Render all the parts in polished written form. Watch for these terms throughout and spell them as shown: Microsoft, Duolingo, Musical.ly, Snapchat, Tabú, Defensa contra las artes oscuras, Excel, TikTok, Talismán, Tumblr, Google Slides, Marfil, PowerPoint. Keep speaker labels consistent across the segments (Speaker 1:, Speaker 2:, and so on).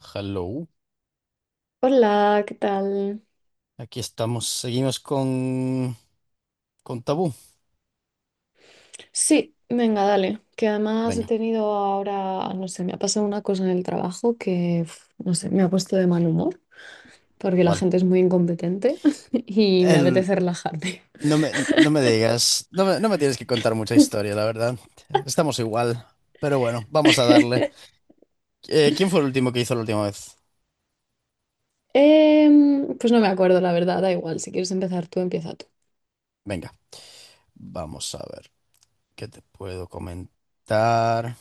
Speaker 1: Hello,
Speaker 2: Hola, ¿qué tal?
Speaker 1: aquí estamos, seguimos con Tabú.
Speaker 2: Sí, venga, dale. Que además he
Speaker 1: Venga,
Speaker 2: tenido ahora, no sé, me ha pasado una cosa en el trabajo que, uf, no sé, me ha puesto de mal humor porque la
Speaker 1: vale.
Speaker 2: gente es muy incompetente y me
Speaker 1: El,
Speaker 2: apetece relajarme.
Speaker 1: no me digas, no me tienes que contar mucha historia, la verdad. Estamos igual, pero bueno, vamos a darle. ¿Quién fue el último que hizo la última vez?
Speaker 2: Pues no me acuerdo, la verdad, da igual. Si quieres empezar tú, empieza tú.
Speaker 1: Venga, vamos a ver qué te puedo comentar.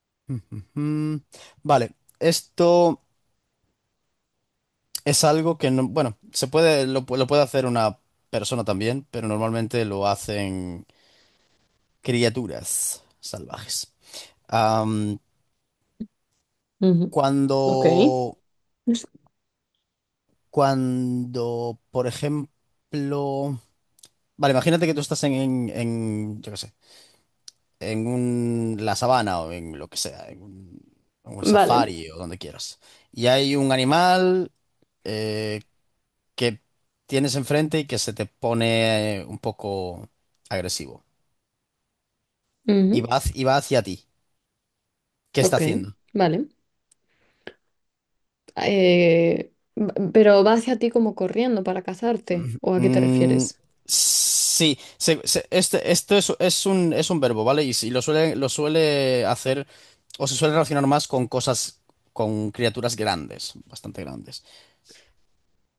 Speaker 1: Ujujú. Vale, esto es algo que no, bueno, se puede, lo puede hacer una persona también, pero normalmente lo hacen criaturas salvajes. Am,
Speaker 2: Ujú. Ok.
Speaker 1: cuando, cuando, por ejemplo, vale, imagínate que tú estás en, yo qué sé, la sabana o en lo que sea, en un
Speaker 2: Vale.
Speaker 1: safari o donde quieras, y hay un animal eh, que tienes enfrente y que se te pone un poco agresivo y va,
Speaker 2: Ujú.
Speaker 1: va hacia ti. ¿Qué está
Speaker 2: Ok,
Speaker 1: haciendo?
Speaker 2: vale. Pero va hacia ti como corriendo para cazarte, ¿o a qué te
Speaker 1: Mm,
Speaker 2: refieres?
Speaker 1: sí, esto es, es un verbo, ¿vale? Y, si lo suele, lo suele hacer o se suele relacionar más con cosas, con criaturas grandes, bastante grandes.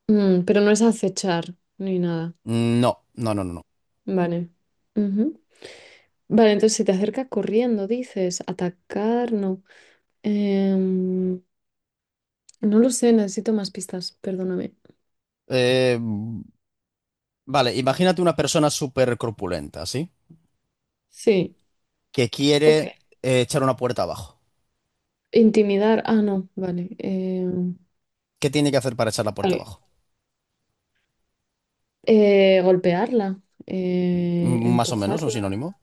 Speaker 2: Mm, pero no es acechar ni nada.
Speaker 1: Mm, no, no.
Speaker 2: Vale. Ujú. Vale, entonces si te acercas corriendo, dices, atacar, no. Em, no lo sé, necesito más pistas, perdóname.
Speaker 1: Eh, vale, imagínate una persona súper corpulenta, ¿sí?
Speaker 2: Sí,
Speaker 1: Que
Speaker 2: Ok.
Speaker 1: quiere echar una puerta abajo.
Speaker 2: Intimidar, ah, no, vale.
Speaker 1: ¿Qué tiene que hacer para echar la puerta
Speaker 2: Vale.
Speaker 1: abajo?
Speaker 2: Golpearla,
Speaker 1: Mm, más o menos, un
Speaker 2: empujarla.
Speaker 1: sinónimo.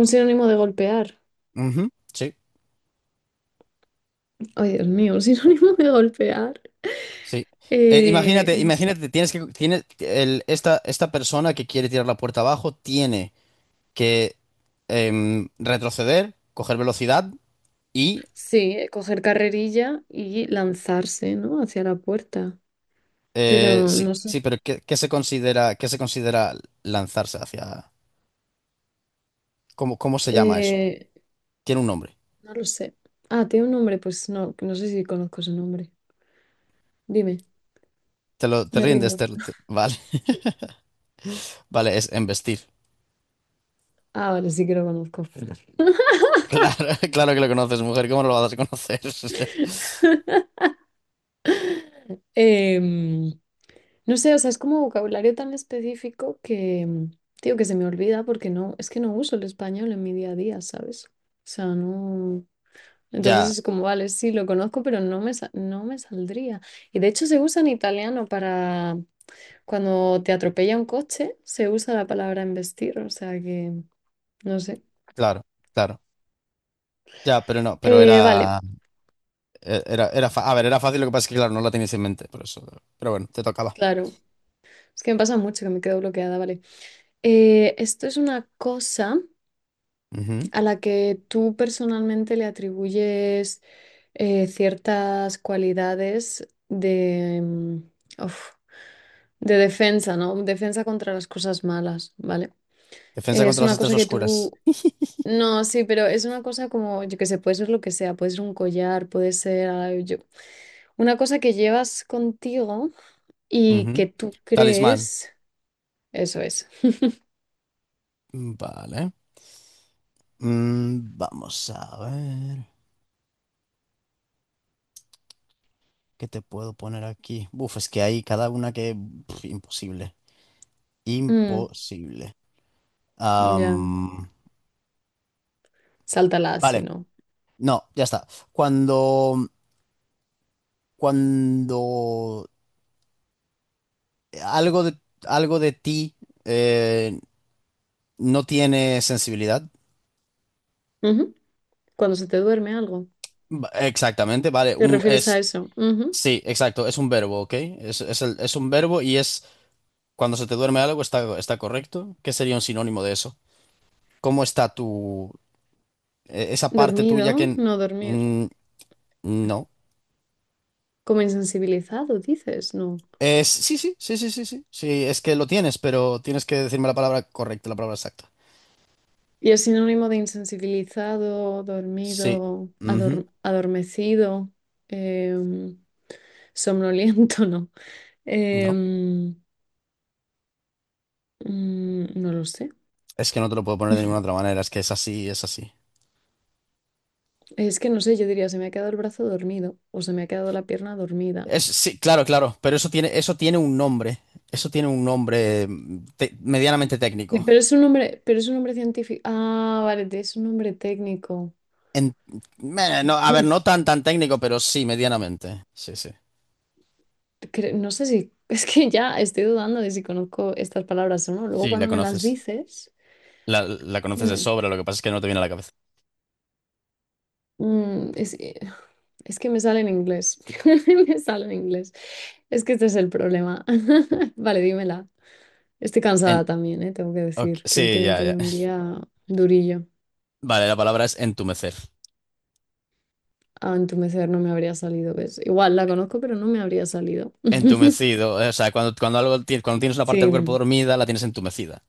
Speaker 2: Un sinónimo de golpear.
Speaker 1: Ujú, sí.
Speaker 2: Ay, Dios mío, un sinónimo de golpear.
Speaker 1: Sí.
Speaker 2: No sé.
Speaker 1: Imagínate, tienes que, tiene el, esta persona que quiere tirar la puerta abajo tiene que retroceder, coger velocidad y
Speaker 2: Sí, coger carrerilla y lanzarse, ¿no? Hacia la puerta. Pero
Speaker 1: sí,
Speaker 2: no
Speaker 1: sí,
Speaker 2: sé.
Speaker 1: pero ¿qué se considera, qué se considera lanzarse hacia? ¿Cómo se llama eso?
Speaker 2: Eh,
Speaker 1: Tiene un nombre.
Speaker 2: No lo sé. Ah, tiene un nombre, pues no, no sé si conozco su nombre. Dime,
Speaker 1: Te
Speaker 2: me
Speaker 1: rindes,
Speaker 2: rindo.
Speaker 1: vale,
Speaker 2: Sí.
Speaker 1: vale, es embestir.
Speaker 2: Ah, vale, sí que lo conozco.
Speaker 1: Claro, claro que lo conoces, mujer, ¿cómo no lo vas a conocer?
Speaker 2: Em, no sé, o sea, es como vocabulario tan específico que, tío, que se me olvida porque no, es que no uso el español en mi día a día, ¿sabes? O sea, no. Entonces
Speaker 1: Ya,
Speaker 2: es como, vale, sí, lo conozco, pero no me, no me saldría. Y de hecho se usa en italiano para cuando te atropella un coche, se usa la palabra embestir, o sea que, no sé.
Speaker 1: claro, claro. Ya, pero no, pero
Speaker 2: Vale.
Speaker 1: era. Era, a ver, era fácil, lo que pasa es que, claro, no la tenías en mente, por eso. Pero bueno, te tocaba.
Speaker 2: Claro, es que me pasa mucho que me quedo bloqueada, vale. Esto es una cosa
Speaker 1: Ujú.
Speaker 2: a la que tú personalmente le atribuyes ciertas cualidades de, uf, de defensa, ¿no? Defensa contra las cosas malas, ¿vale?
Speaker 1: Defensa
Speaker 2: Es
Speaker 1: contra las
Speaker 2: una
Speaker 1: artes
Speaker 2: cosa que
Speaker 1: oscuras.
Speaker 2: tú... No, sí, pero es una cosa como, yo qué sé, puede ser lo que sea, puede ser un collar, puede ser ah, yo- una cosa que llevas contigo y
Speaker 1: Ujú.
Speaker 2: que tú
Speaker 1: Talismán.
Speaker 2: crees, eso es.
Speaker 1: Vale. Mm, vamos a ver. ¿Qué te puedo poner aquí? Uf, es que hay cada una que pf, imposible.
Speaker 2: Mm,
Speaker 1: Imposible.
Speaker 2: ya.
Speaker 1: Am,
Speaker 2: Sáltalas,
Speaker 1: vale.
Speaker 2: si no.
Speaker 1: No, ya está. Cuando cuando algo de, algo de ti eh, no tiene sensibilidad.
Speaker 2: Ujú. Cuando se te duerme algo.
Speaker 1: Exactamente, vale.
Speaker 2: ¿Te refieres a eso? Ujú.
Speaker 1: Sí, exacto, es un verbo, ¿ok? Es un verbo y es cuando se te duerme algo, está correcto. ¿Qué sería un sinónimo de eso? ¿Cómo está e- esa parte tuya que
Speaker 2: Dormido,
Speaker 1: n-
Speaker 2: no dormir.
Speaker 1: mm, no.
Speaker 2: Como insensibilizado, dices, no.
Speaker 1: Es, sí, sí, sí, sí, sí, sí. Sí, es que lo tienes, pero tienes que decirme la palabra correcta, la palabra exacta.
Speaker 2: Y es sinónimo de insensibilizado,
Speaker 1: Sí.
Speaker 2: dormido,
Speaker 1: Ujú.
Speaker 2: adormecido, em, somnoliento, no.
Speaker 1: No,
Speaker 2: Em, no lo sé.
Speaker 1: es que no te lo puedo poner de ninguna otra manera, es que es así, es así.
Speaker 2: Es que no sé, yo diría, se me ha quedado el brazo dormido o se me ha quedado la pierna dormida.
Speaker 1: Sí, claro, claro, pero eso tiene un nombre. Eso tiene un nombre mm, medianamente
Speaker 2: Sí,
Speaker 1: técnico.
Speaker 2: pero es un nombre, pero es un nombre científico. Ah, vale, es un nombre técnico.
Speaker 1: En- no, a ver, no tan tan técnico, pero sí, medianamente. Sí, sí.
Speaker 2: No sé si, es que ya estoy dudando de si conozco estas palabras o no. Luego
Speaker 1: Sí, la
Speaker 2: cuando me las
Speaker 1: conoces.
Speaker 2: dices,
Speaker 1: La conoces de
Speaker 2: mm,
Speaker 1: sobra, lo que pasa es que no te viene a la cabeza.
Speaker 2: mm, es, eh, es que me sale en inglés, me sale en inglés. Es que este es el problema. Vale, dímela. Estoy
Speaker 1: En-
Speaker 2: cansada también, ¿eh? Tengo que
Speaker 1: ok,
Speaker 2: decir que hoy
Speaker 1: sí,
Speaker 2: he
Speaker 1: ya, ya.
Speaker 2: tenido un día durillo.
Speaker 1: Vale, la palabra es entumecer.
Speaker 2: A entumecer no me habría salido, ¿ves? Igual la conozco, pero no me habría salido.
Speaker 1: Entumecido, o sea, cuando algo, cuando tienes una parte del cuerpo
Speaker 2: Sí,
Speaker 1: dormida, la tienes entumecida.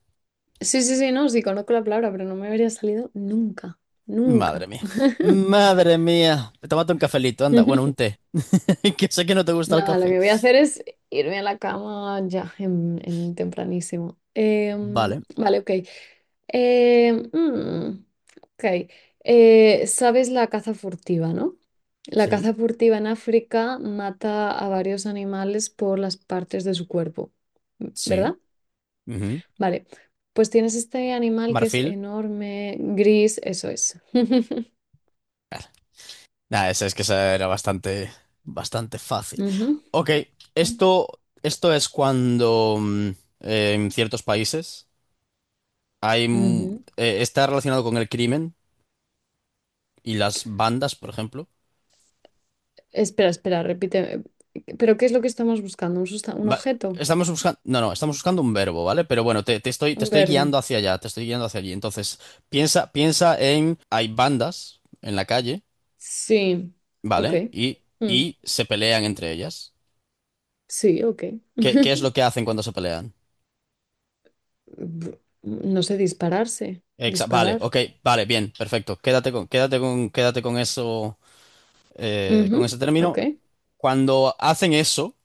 Speaker 2: sí, sí, sí, no, sí, conozco la palabra, pero no me habría salido nunca,
Speaker 1: Madre
Speaker 2: nunca.
Speaker 1: mía. Madre mía. Tómate un cafelito, anda. Bueno, un té. Que sé que no te gusta el
Speaker 2: Nada, lo
Speaker 1: café.
Speaker 2: que voy a hacer es irme a la cama ya, en tempranísimo. Em,
Speaker 1: Vale.
Speaker 2: vale, ok. Em, mm, ok. Sabes la caza furtiva, ¿no? La
Speaker 1: Sí.
Speaker 2: caza furtiva en África mata a varios animales por las partes de su cuerpo,
Speaker 1: Sí.
Speaker 2: ¿verdad?
Speaker 1: Ujú.
Speaker 2: Vale, pues tienes este animal que es
Speaker 1: Marfil.
Speaker 2: enorme, gris, eso es.
Speaker 1: Nada, esa es que esa era bastante, bastante fácil.
Speaker 2: Ujú,
Speaker 1: Ok, esto es cuando mm, en ciertos países hay, mm,
Speaker 2: ujú.
Speaker 1: está relacionado con el crimen y las bandas, por ejemplo.
Speaker 2: Espera, espera, repite. ¿Pero qué es lo que estamos buscando? ¿Un un
Speaker 1: Va-
Speaker 2: objeto?
Speaker 1: estamos buscando, no, no, estamos buscando un verbo, ¿vale? Pero bueno, te
Speaker 2: ¿Un
Speaker 1: estoy
Speaker 2: verbo?
Speaker 1: guiando hacia allá, te estoy guiando hacia allí. Entonces, piensa en, hay bandas en la calle,
Speaker 2: Sí. Ok.
Speaker 1: ¿vale?
Speaker 2: Mm.
Speaker 1: Y se pelean entre ellas.
Speaker 2: Sí, ok.
Speaker 1: ¿Qué es lo que hacen cuando se pelean?
Speaker 2: No sé, dispararse.
Speaker 1: Exa- vale,
Speaker 2: Disparar.
Speaker 1: ok, vale, bien, perfecto. Quédate con eso,
Speaker 2: Ujú,
Speaker 1: con ese término.
Speaker 2: Ok.
Speaker 1: Cuando hacen eso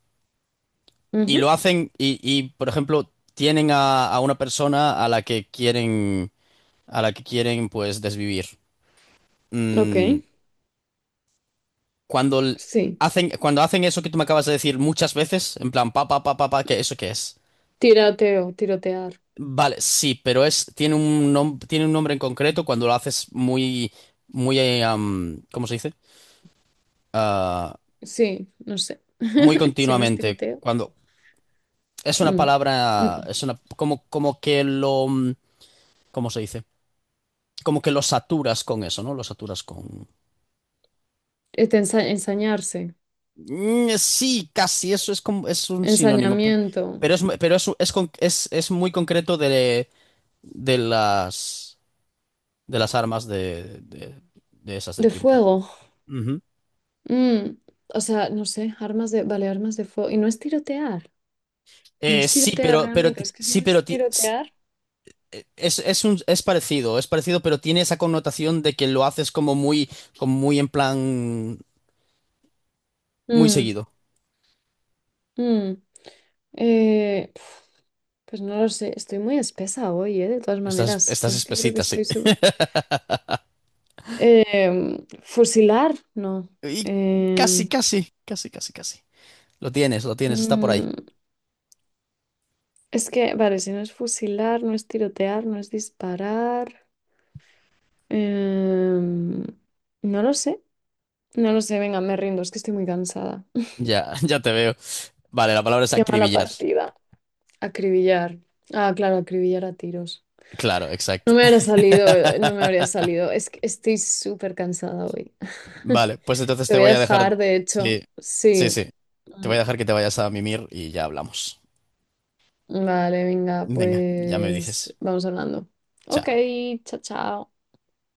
Speaker 1: y
Speaker 2: Ujú,
Speaker 1: lo hacen y, por ejemplo, tienen a una persona a la que quieren, a la que quieren, pues, desvivir.
Speaker 2: Ok.
Speaker 1: Mm, cuando l-
Speaker 2: Sí.
Speaker 1: hacen, cuando hacen eso que tú me acabas de decir muchas veces, en plan, pa, pa, pa, pa, pa, ¿qué, eso qué es?
Speaker 2: Tiroteo, tirotear.
Speaker 1: Vale, sí, pero es, tiene un tiene un nombre en concreto cuando lo haces muy, muy, ¿cómo se dice? Ah,
Speaker 2: Sí, no sé.
Speaker 1: muy
Speaker 2: Si no es
Speaker 1: continuamente.
Speaker 2: tiroteo.
Speaker 1: Cuando es una
Speaker 2: Mm.
Speaker 1: palabra,
Speaker 2: Mm.
Speaker 1: como que lo, mm, ¿cómo se dice? Como que lo saturas con eso, ¿no? Lo saturas con.
Speaker 2: Este, ensañarse.
Speaker 1: Mm, sí, casi, eso es como, es un sinónimo,
Speaker 2: Ensañamiento.
Speaker 1: pero es pero es muy concreto de las de las armas de esas de
Speaker 2: De
Speaker 1: Pium Pium.
Speaker 2: fuego.
Speaker 1: Ujú.
Speaker 2: Mm, o sea, no sé, armas de, vale, armas de fuego. Y no es tirotear, no es
Speaker 1: Sí,
Speaker 2: tirotear
Speaker 1: pero,
Speaker 2: realmente, es que si no es tirotear.
Speaker 1: es un, es parecido, pero tiene esa connotación de que lo haces como muy en plan muy
Speaker 2: Mm,
Speaker 1: seguido.
Speaker 2: mm, Pf, pues no lo sé, estoy muy espesa hoy, ¿eh? De todas
Speaker 1: Estás,
Speaker 2: maneras, yo
Speaker 1: estás
Speaker 2: es que creo que
Speaker 1: espesita, sí.
Speaker 2: estoy sub... Fusilar, no.
Speaker 1: Y
Speaker 2: Em,
Speaker 1: casi. Lo tienes, está por ahí.
Speaker 2: mm, es que, vale, si no es fusilar, no es tirotear, no es disparar. Em, no lo sé, no lo sé, venga, me rindo, es que estoy muy cansada.
Speaker 1: Ya, ya te veo. Vale, la palabra es
Speaker 2: Qué mala
Speaker 1: acribillar.
Speaker 2: partida. Acribillar. Ah, claro, acribillar a tiros.
Speaker 1: Claro, exacto.
Speaker 2: No me habría salido, no me habría salido. Es que estoy súper cansada hoy.
Speaker 1: Vale, pues entonces
Speaker 2: Te
Speaker 1: te
Speaker 2: voy a
Speaker 1: voy a dejar.
Speaker 2: dejar, de hecho.
Speaker 1: Sí, sí,
Speaker 2: Sí.
Speaker 1: sí. Te voy
Speaker 2: Mm,
Speaker 1: a dejar que te vayas a mimir y ya hablamos.
Speaker 2: vale, venga,
Speaker 1: Venga, ya me
Speaker 2: pues
Speaker 1: dices.
Speaker 2: vamos hablando. Ok,
Speaker 1: Chao.
Speaker 2: chao, chao.